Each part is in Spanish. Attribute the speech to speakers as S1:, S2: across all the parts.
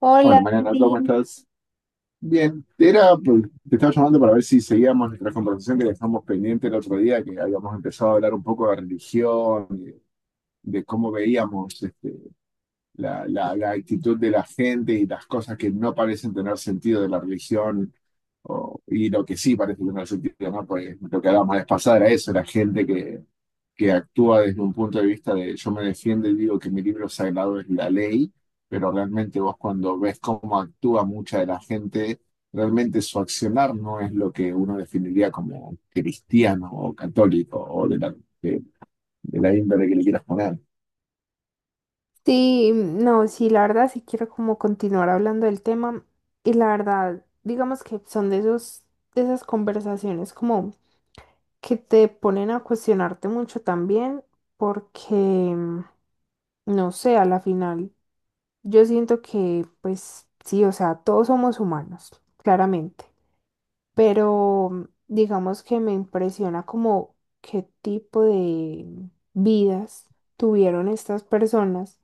S1: Hola,
S2: Bueno, Mariana, ¿cómo
S1: Andy.
S2: estás? Bien, era, pues, te estaba llamando para ver si seguíamos nuestra conversación que dejamos pendiente el otro día, que habíamos empezado a hablar un poco de religión, de cómo veíamos la actitud de la gente y las cosas que no parecen tener sentido de la religión y lo que sí parece tener sentido, ¿no? Pues lo que hablábamos la vez pasada era eso, la gente que actúa desde un punto de vista de yo me defiendo y digo que mi libro sagrado es la ley, pero realmente vos cuando ves cómo actúa mucha de la gente, realmente su accionar no es lo que uno definiría como cristiano o católico o de, de la índole que le quieras poner.
S1: Sí, no, sí, la verdad sí quiero como continuar hablando del tema y la verdad, digamos que son de esos, de esas conversaciones como que te ponen a cuestionarte mucho también porque, no sé, a la final yo siento que pues sí, o sea, todos somos humanos, claramente, pero digamos que me impresiona como qué tipo de vidas tuvieron estas personas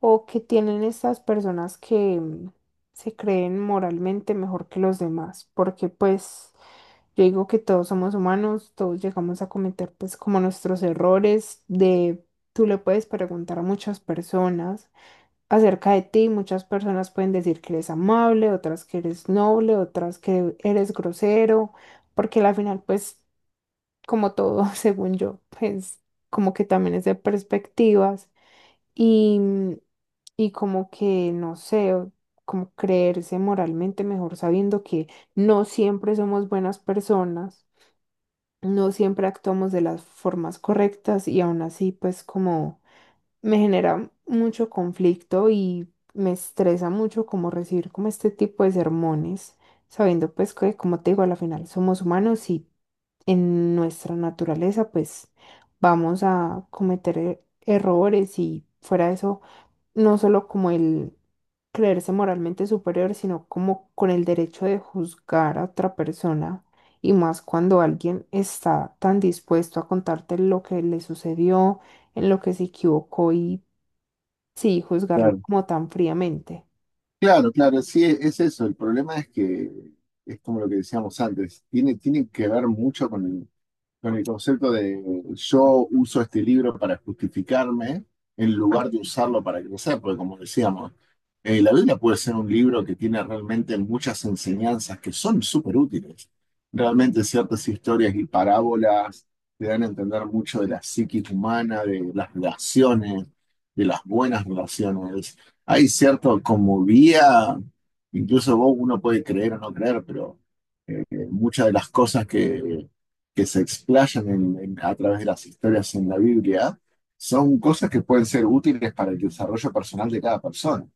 S1: o que tienen estas personas que se creen moralmente mejor que los demás, porque pues yo digo que todos somos humanos, todos llegamos a cometer pues como nuestros errores de... Tú le puedes preguntar a muchas personas acerca de ti, muchas personas pueden decir que eres amable, otras que eres noble, otras que eres grosero, porque al final pues como todo, según yo, pues como que también es de perspectivas. Y, y como que, no sé, o como creerse moralmente mejor sabiendo que no siempre somos buenas personas, no siempre actuamos de las formas correctas y aún así pues como me genera mucho conflicto y me estresa mucho como recibir como este tipo de sermones, sabiendo pues que como te digo, a la final somos humanos y en nuestra naturaleza pues vamos a cometer errores y fuera de eso no solo como el creerse moralmente superior, sino como con el derecho de juzgar a otra persona, y más cuando alguien está tan dispuesto a contarte lo que le sucedió, en lo que se equivocó y sí, juzgarlo
S2: Claro,
S1: como tan fríamente.
S2: claro, claro, sí, es eso. El problema es que es como lo que decíamos antes, tiene que ver mucho con el concepto de yo uso este libro para justificarme en lugar de usarlo para crecer, porque como decíamos, la Biblia puede ser un libro que tiene realmente muchas enseñanzas que son súper útiles. Realmente ciertas historias y parábolas te dan a entender mucho de la psiquis humana, de las relaciones, de las buenas relaciones. Hay cierto como vía, incluso vos uno puede creer o no creer, pero muchas de las cosas que se explayan a través de las historias en la Biblia son cosas que pueden ser útiles para el desarrollo personal de cada persona.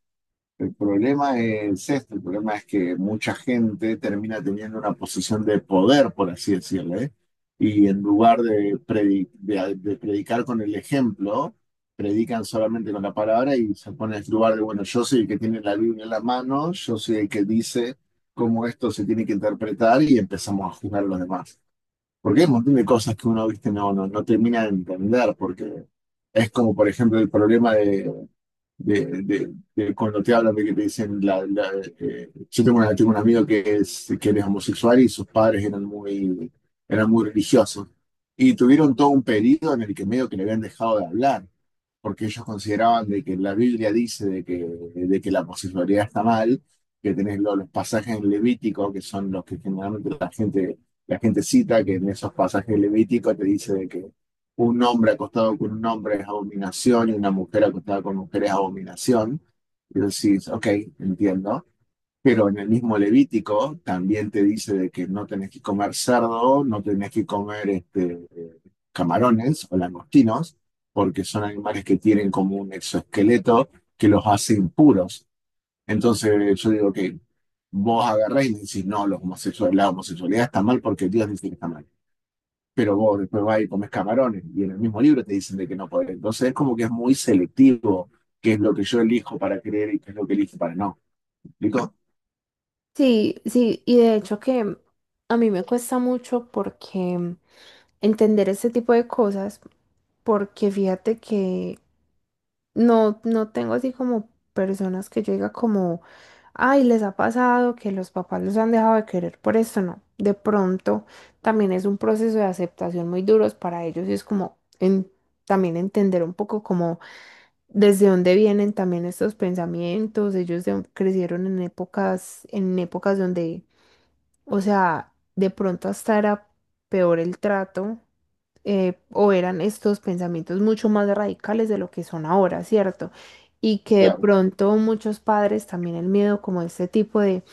S2: El problema es este, el problema es que mucha gente termina teniendo una posición de poder, por así decirlo, ¿eh? Y en lugar de predicar con el ejemplo, predican solamente con la palabra y se pone en el lugar de, bueno, yo soy el que tiene la Biblia en la mano, yo soy el que dice cómo esto se tiene que interpretar y empezamos a juzgar a los demás. Porque hay un montón de cosas que uno, viste, no termina de entender, porque es como, por ejemplo, el problema de cuando te hablan de que te dicen, tengo un amigo que es, que él es homosexual y sus padres eran eran muy religiosos. Y tuvieron todo un periodo en el que medio que le habían dejado de hablar porque ellos consideraban de que la Biblia dice de que la homosexualidad está mal, que tenés los pasajes en Levítico, que son los que generalmente la gente cita, que en esos pasajes Levíticos te dice de que un hombre acostado con un hombre es abominación y una mujer acostada con mujer es abominación. Y decís, ok, entiendo. Pero en el mismo Levítico también te dice de que no tenés que comer cerdo, no tenés que comer camarones o langostinos, porque son animales que tienen como un exoesqueleto que los hace impuros. Entonces yo digo que vos agarrás y me decís, no, los homosexuales, la homosexualidad está mal porque Dios dice que está mal. Pero vos después vas y comes camarones y en el mismo libro te dicen de que no podés. Entonces es como que es muy selectivo qué es lo que yo elijo para creer y qué es lo que elijo para no. ¿Explico?
S1: Sí, sí, y de hecho que a mí me cuesta mucho porque entender este tipo de cosas, porque fíjate que no, no tengo así como personas que yo diga como, ay, les ha pasado que los papás los han dejado de querer por esto, no. De pronto también es un proceso de aceptación muy duros para ellos y es como también entender un poco como desde dónde vienen también estos pensamientos. Ellos crecieron en épocas donde, o sea, de pronto hasta era peor el trato o eran estos pensamientos mucho más radicales de lo que son ahora, ¿cierto? Y que de
S2: Claro,
S1: pronto muchos padres también el miedo como este tipo de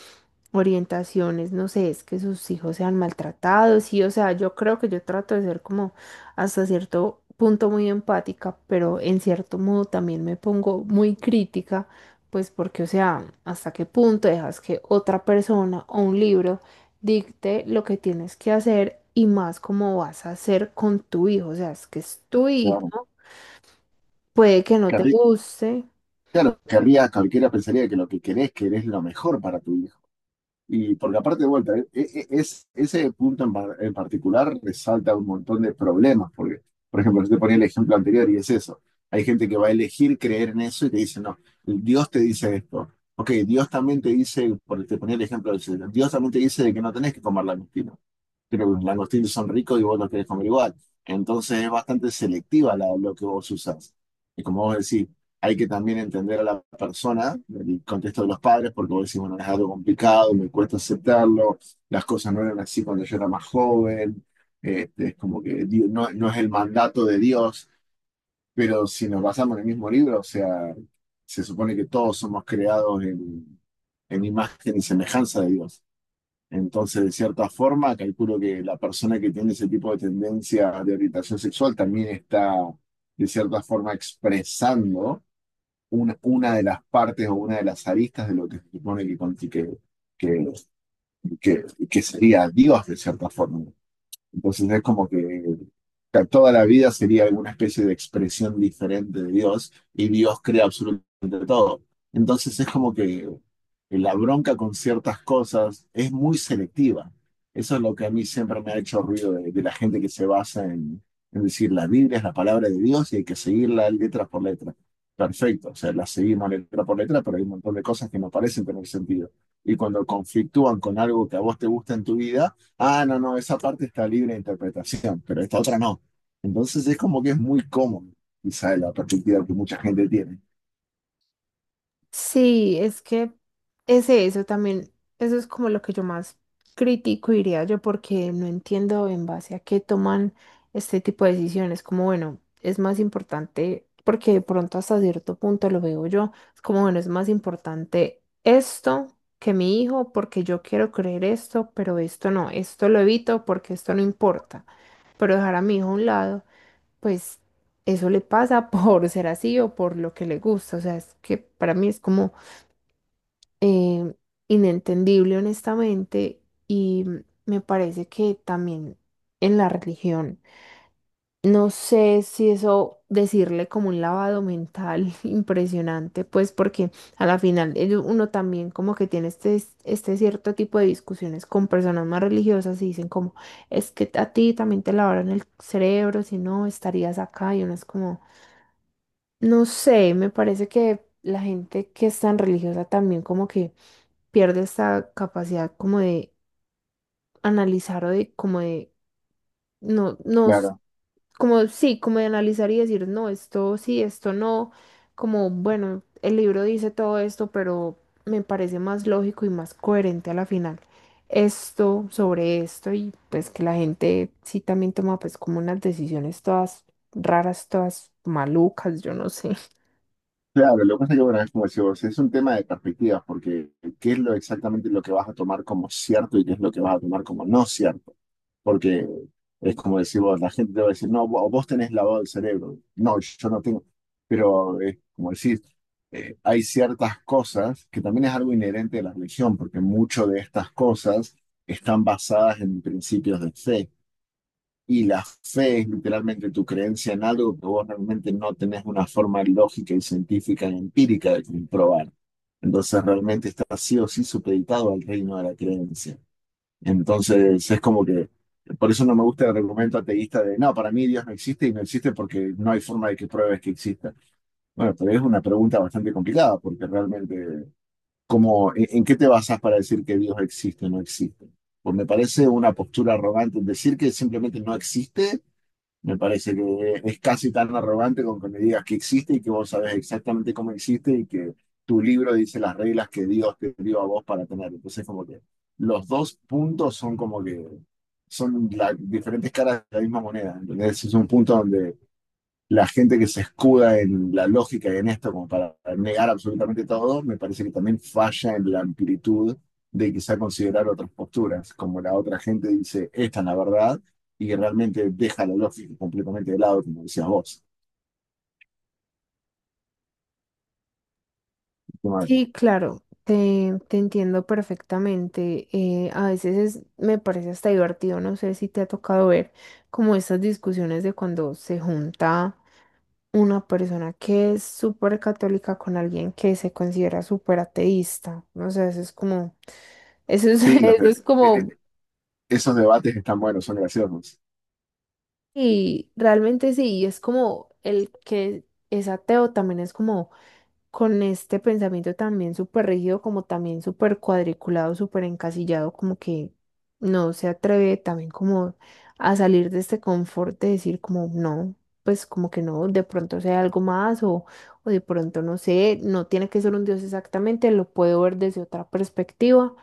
S1: orientaciones, no sé, es que sus hijos sean maltratados, sí, o sea, yo creo que yo trato de ser como hasta cierto punto muy empática, pero en cierto modo también me pongo muy crítica, pues porque, o sea, hasta qué punto dejas que otra persona o un libro dicte lo que tienes que hacer y más cómo vas a hacer con tu hijo, o sea, es que es tu
S2: claro.
S1: hijo, puede que no te
S2: Qué
S1: guste.
S2: Claro, querría, cualquiera pensaría que lo que querés, querés lo mejor para tu hijo. Y porque aparte de vuelta, ese punto en particular resalta un montón de problemas, porque, por ejemplo, yo te ponía el ejemplo anterior y es eso. Hay gente que va a elegir creer en eso y te dice, no, Dios te dice esto. Ok, Dios también te dice, por te ponía el ejemplo del cielo, Dios también te dice de que no tenés que comer la mentira, pero los langostinos son ricos y vos los querés comer igual. Entonces es bastante selectiva lo que vos usás. Y como vos decís, hay que también entender a la persona, el contexto de los padres, porque vos decís, bueno, es algo complicado, me cuesta aceptarlo, las cosas no eran así cuando yo era más joven, este, es como que no, no es el mandato de Dios, pero si nos basamos en el mismo libro, o sea, se supone que todos somos creados en imagen y semejanza de Dios. Entonces, de cierta forma, calculo que la persona que tiene ese tipo de tendencia de orientación sexual también está, de cierta forma, expresando una de las partes o una de las aristas de lo que se supone que, que, que sería Dios, de cierta forma. Entonces es como que toda la vida sería alguna especie de expresión diferente de Dios y Dios crea absolutamente todo. Entonces es como que la bronca con ciertas cosas es muy selectiva. Eso es lo que a mí siempre me ha hecho ruido de la gente que se basa en decir la Biblia es la palabra de Dios y hay que seguirla letra por letra. Perfecto, o sea, la seguimos letra por letra, pero hay un montón de cosas que no parecen tener sentido. Y cuando conflictúan con algo que a vos te gusta en tu vida, ah, no, no, esa parte está libre de interpretación, pero esta otra no. Entonces es como que es muy cómodo, quizá de la perspectiva que mucha gente tiene.
S1: Sí, es que es eso también, eso es como lo que yo más critico, diría yo, porque no entiendo en base a qué toman este tipo de decisiones, como bueno, es más importante, porque de pronto hasta cierto punto lo veo yo, es como bueno, es más importante esto que mi hijo, porque yo quiero creer esto, pero esto no, esto lo evito porque esto no importa, pero dejar a mi hijo a un lado, pues eso le pasa por ser así o por lo que le gusta, o sea, es que para mí es como eh, inentendible honestamente y me parece que también en la religión, no sé si eso decirle como un lavado mental impresionante, pues porque a la final uno también como que tiene este, este cierto tipo de discusiones con personas más religiosas y dicen como, es que a ti también te lavaron el cerebro, si no estarías acá y uno es como, no sé, me parece que la gente que es tan religiosa también como que pierde esta capacidad como de analizar o de como de no, no, s-
S2: Claro,
S1: como sí, como de analizar y decir, no, esto sí, esto no, como bueno, el libro dice todo esto, pero me parece más lógico y más coherente a la final esto sobre esto y pues que la gente sí también toma pues como unas decisiones todas raras, todas malucas, yo no sé.
S2: claro, lo que pasa es que, bueno, es como decís vos, es un tema de perspectivas, porque qué es lo exactamente lo que vas a tomar como cierto y qué es lo que vas a tomar como no cierto. Porque es como decir, vos, la gente te va a decir, no, vos tenés lavado el cerebro. No, yo no tengo. Pero es como decir, hay ciertas cosas que también es algo inherente de la religión, porque muchas de estas cosas están basadas en principios de fe. Y la fe es literalmente tu creencia en algo que vos realmente no tenés una forma lógica y científica y empírica de comprobar. Entonces realmente está sí o sí supeditado al reino de la creencia. Entonces es como que, por eso no me gusta el argumento ateísta de, no, para mí Dios no existe y no existe porque no hay forma de que pruebes que exista. Bueno, pero es una pregunta bastante complicada porque realmente, como en qué te basas para decir que Dios existe o no existe? Pues me parece una postura arrogante decir que simplemente no existe, me parece que es casi tan arrogante con que me digas que existe y que vos sabés exactamente cómo existe y que tu libro dice las reglas que Dios te dio a vos para tener. Entonces, como que los dos puntos son como que son las diferentes caras de la misma moneda. ¿Entendés? Es un punto la gente que se escuda en la lógica y en esto como para negar absolutamente todo, me parece que también falla en la amplitud de quizá considerar otras posturas, como la otra gente dice, esta es la verdad, y realmente deja la lógica completamente de lado, como decías vos.
S1: Sí, claro, te entiendo perfectamente. A veces me parece hasta divertido, no sé si te ha tocado ver como estas discusiones de cuando se junta una persona que es súper católica con alguien que se considera súper ateísta. No sé, eso es como, eso es,
S2: Sí, los
S1: eso
S2: de-
S1: es
S2: e-
S1: como,
S2: e- esos debates están buenos, son graciosos.
S1: y realmente sí, y es como el que es ateo también es como con este pensamiento también súper rígido, como también súper cuadriculado, súper encasillado, como que no se atreve también como a salir de este confort de decir como no, pues como que no, de pronto sea algo más o de pronto no sé, no tiene que ser un Dios exactamente, lo puedo ver desde otra perspectiva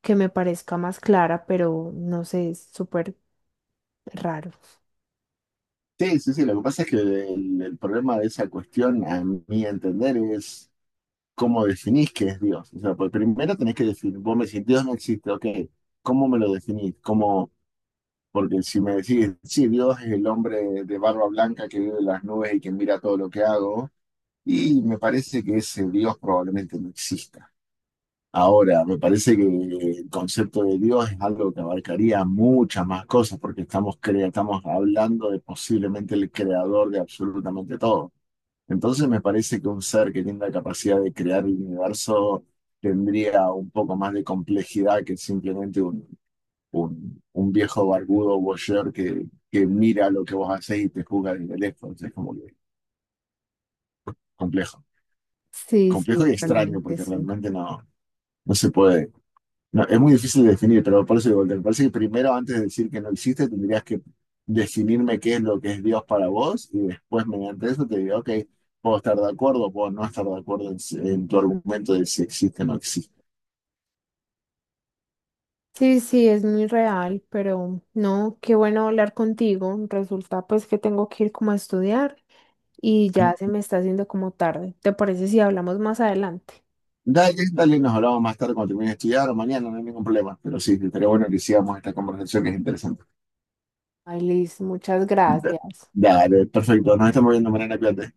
S1: que me parezca más clara, pero no sé, es súper raro.
S2: Sí, sí, sí, lo que pasa es que el problema de esa cuestión, a mi entender, es ¿cómo definís qué es Dios? O sea, pues primero tenés que definir, vos me decís, Dios no existe, ok, ¿cómo me lo definís? ¿Cómo? Porque si me decís, sí, Dios es el hombre de barba blanca que vive en las nubes y que mira todo lo que hago, y me parece que ese Dios probablemente no exista. Ahora, me parece que el concepto de Dios es algo que abarcaría muchas más cosas, porque estamos, estamos hablando de posiblemente el creador de absolutamente todo. Entonces me parece que un ser que tiene la capacidad de crear el universo tendría un poco más de complejidad que simplemente un, un viejo barbudo voyeur que mira lo que vos hacés y te juzga desde lejos. Es como que complejo.
S1: Sí,
S2: Complejo
S1: sí,
S2: y extraño
S1: realmente
S2: porque
S1: sí.
S2: realmente no, no se puede. No, es muy difícil de definir, pero por eso digo, me parece que primero, antes de decir que no existe, tendrías que definirme qué es lo que es Dios para vos y después mediante eso te digo, ok, puedo estar de acuerdo, puedo no estar de acuerdo en, si, en tu argumento de si existe o no existe.
S1: Sí, sí, es muy real, pero no, qué bueno hablar contigo. Resulta pues que tengo que ir como a estudiar y ya se me está haciendo como tarde. ¿Te parece si hablamos más adelante?
S2: Dale, dale, nos hablamos más tarde cuando termine de estudiar o mañana, no hay ningún problema, pero sí, estaría bueno que sigamos esta conversación que es interesante.
S1: Ay, Liz, muchas
S2: Da-
S1: gracias.
S2: Dale, perfecto, nos estamos viendo mañana, cuídate.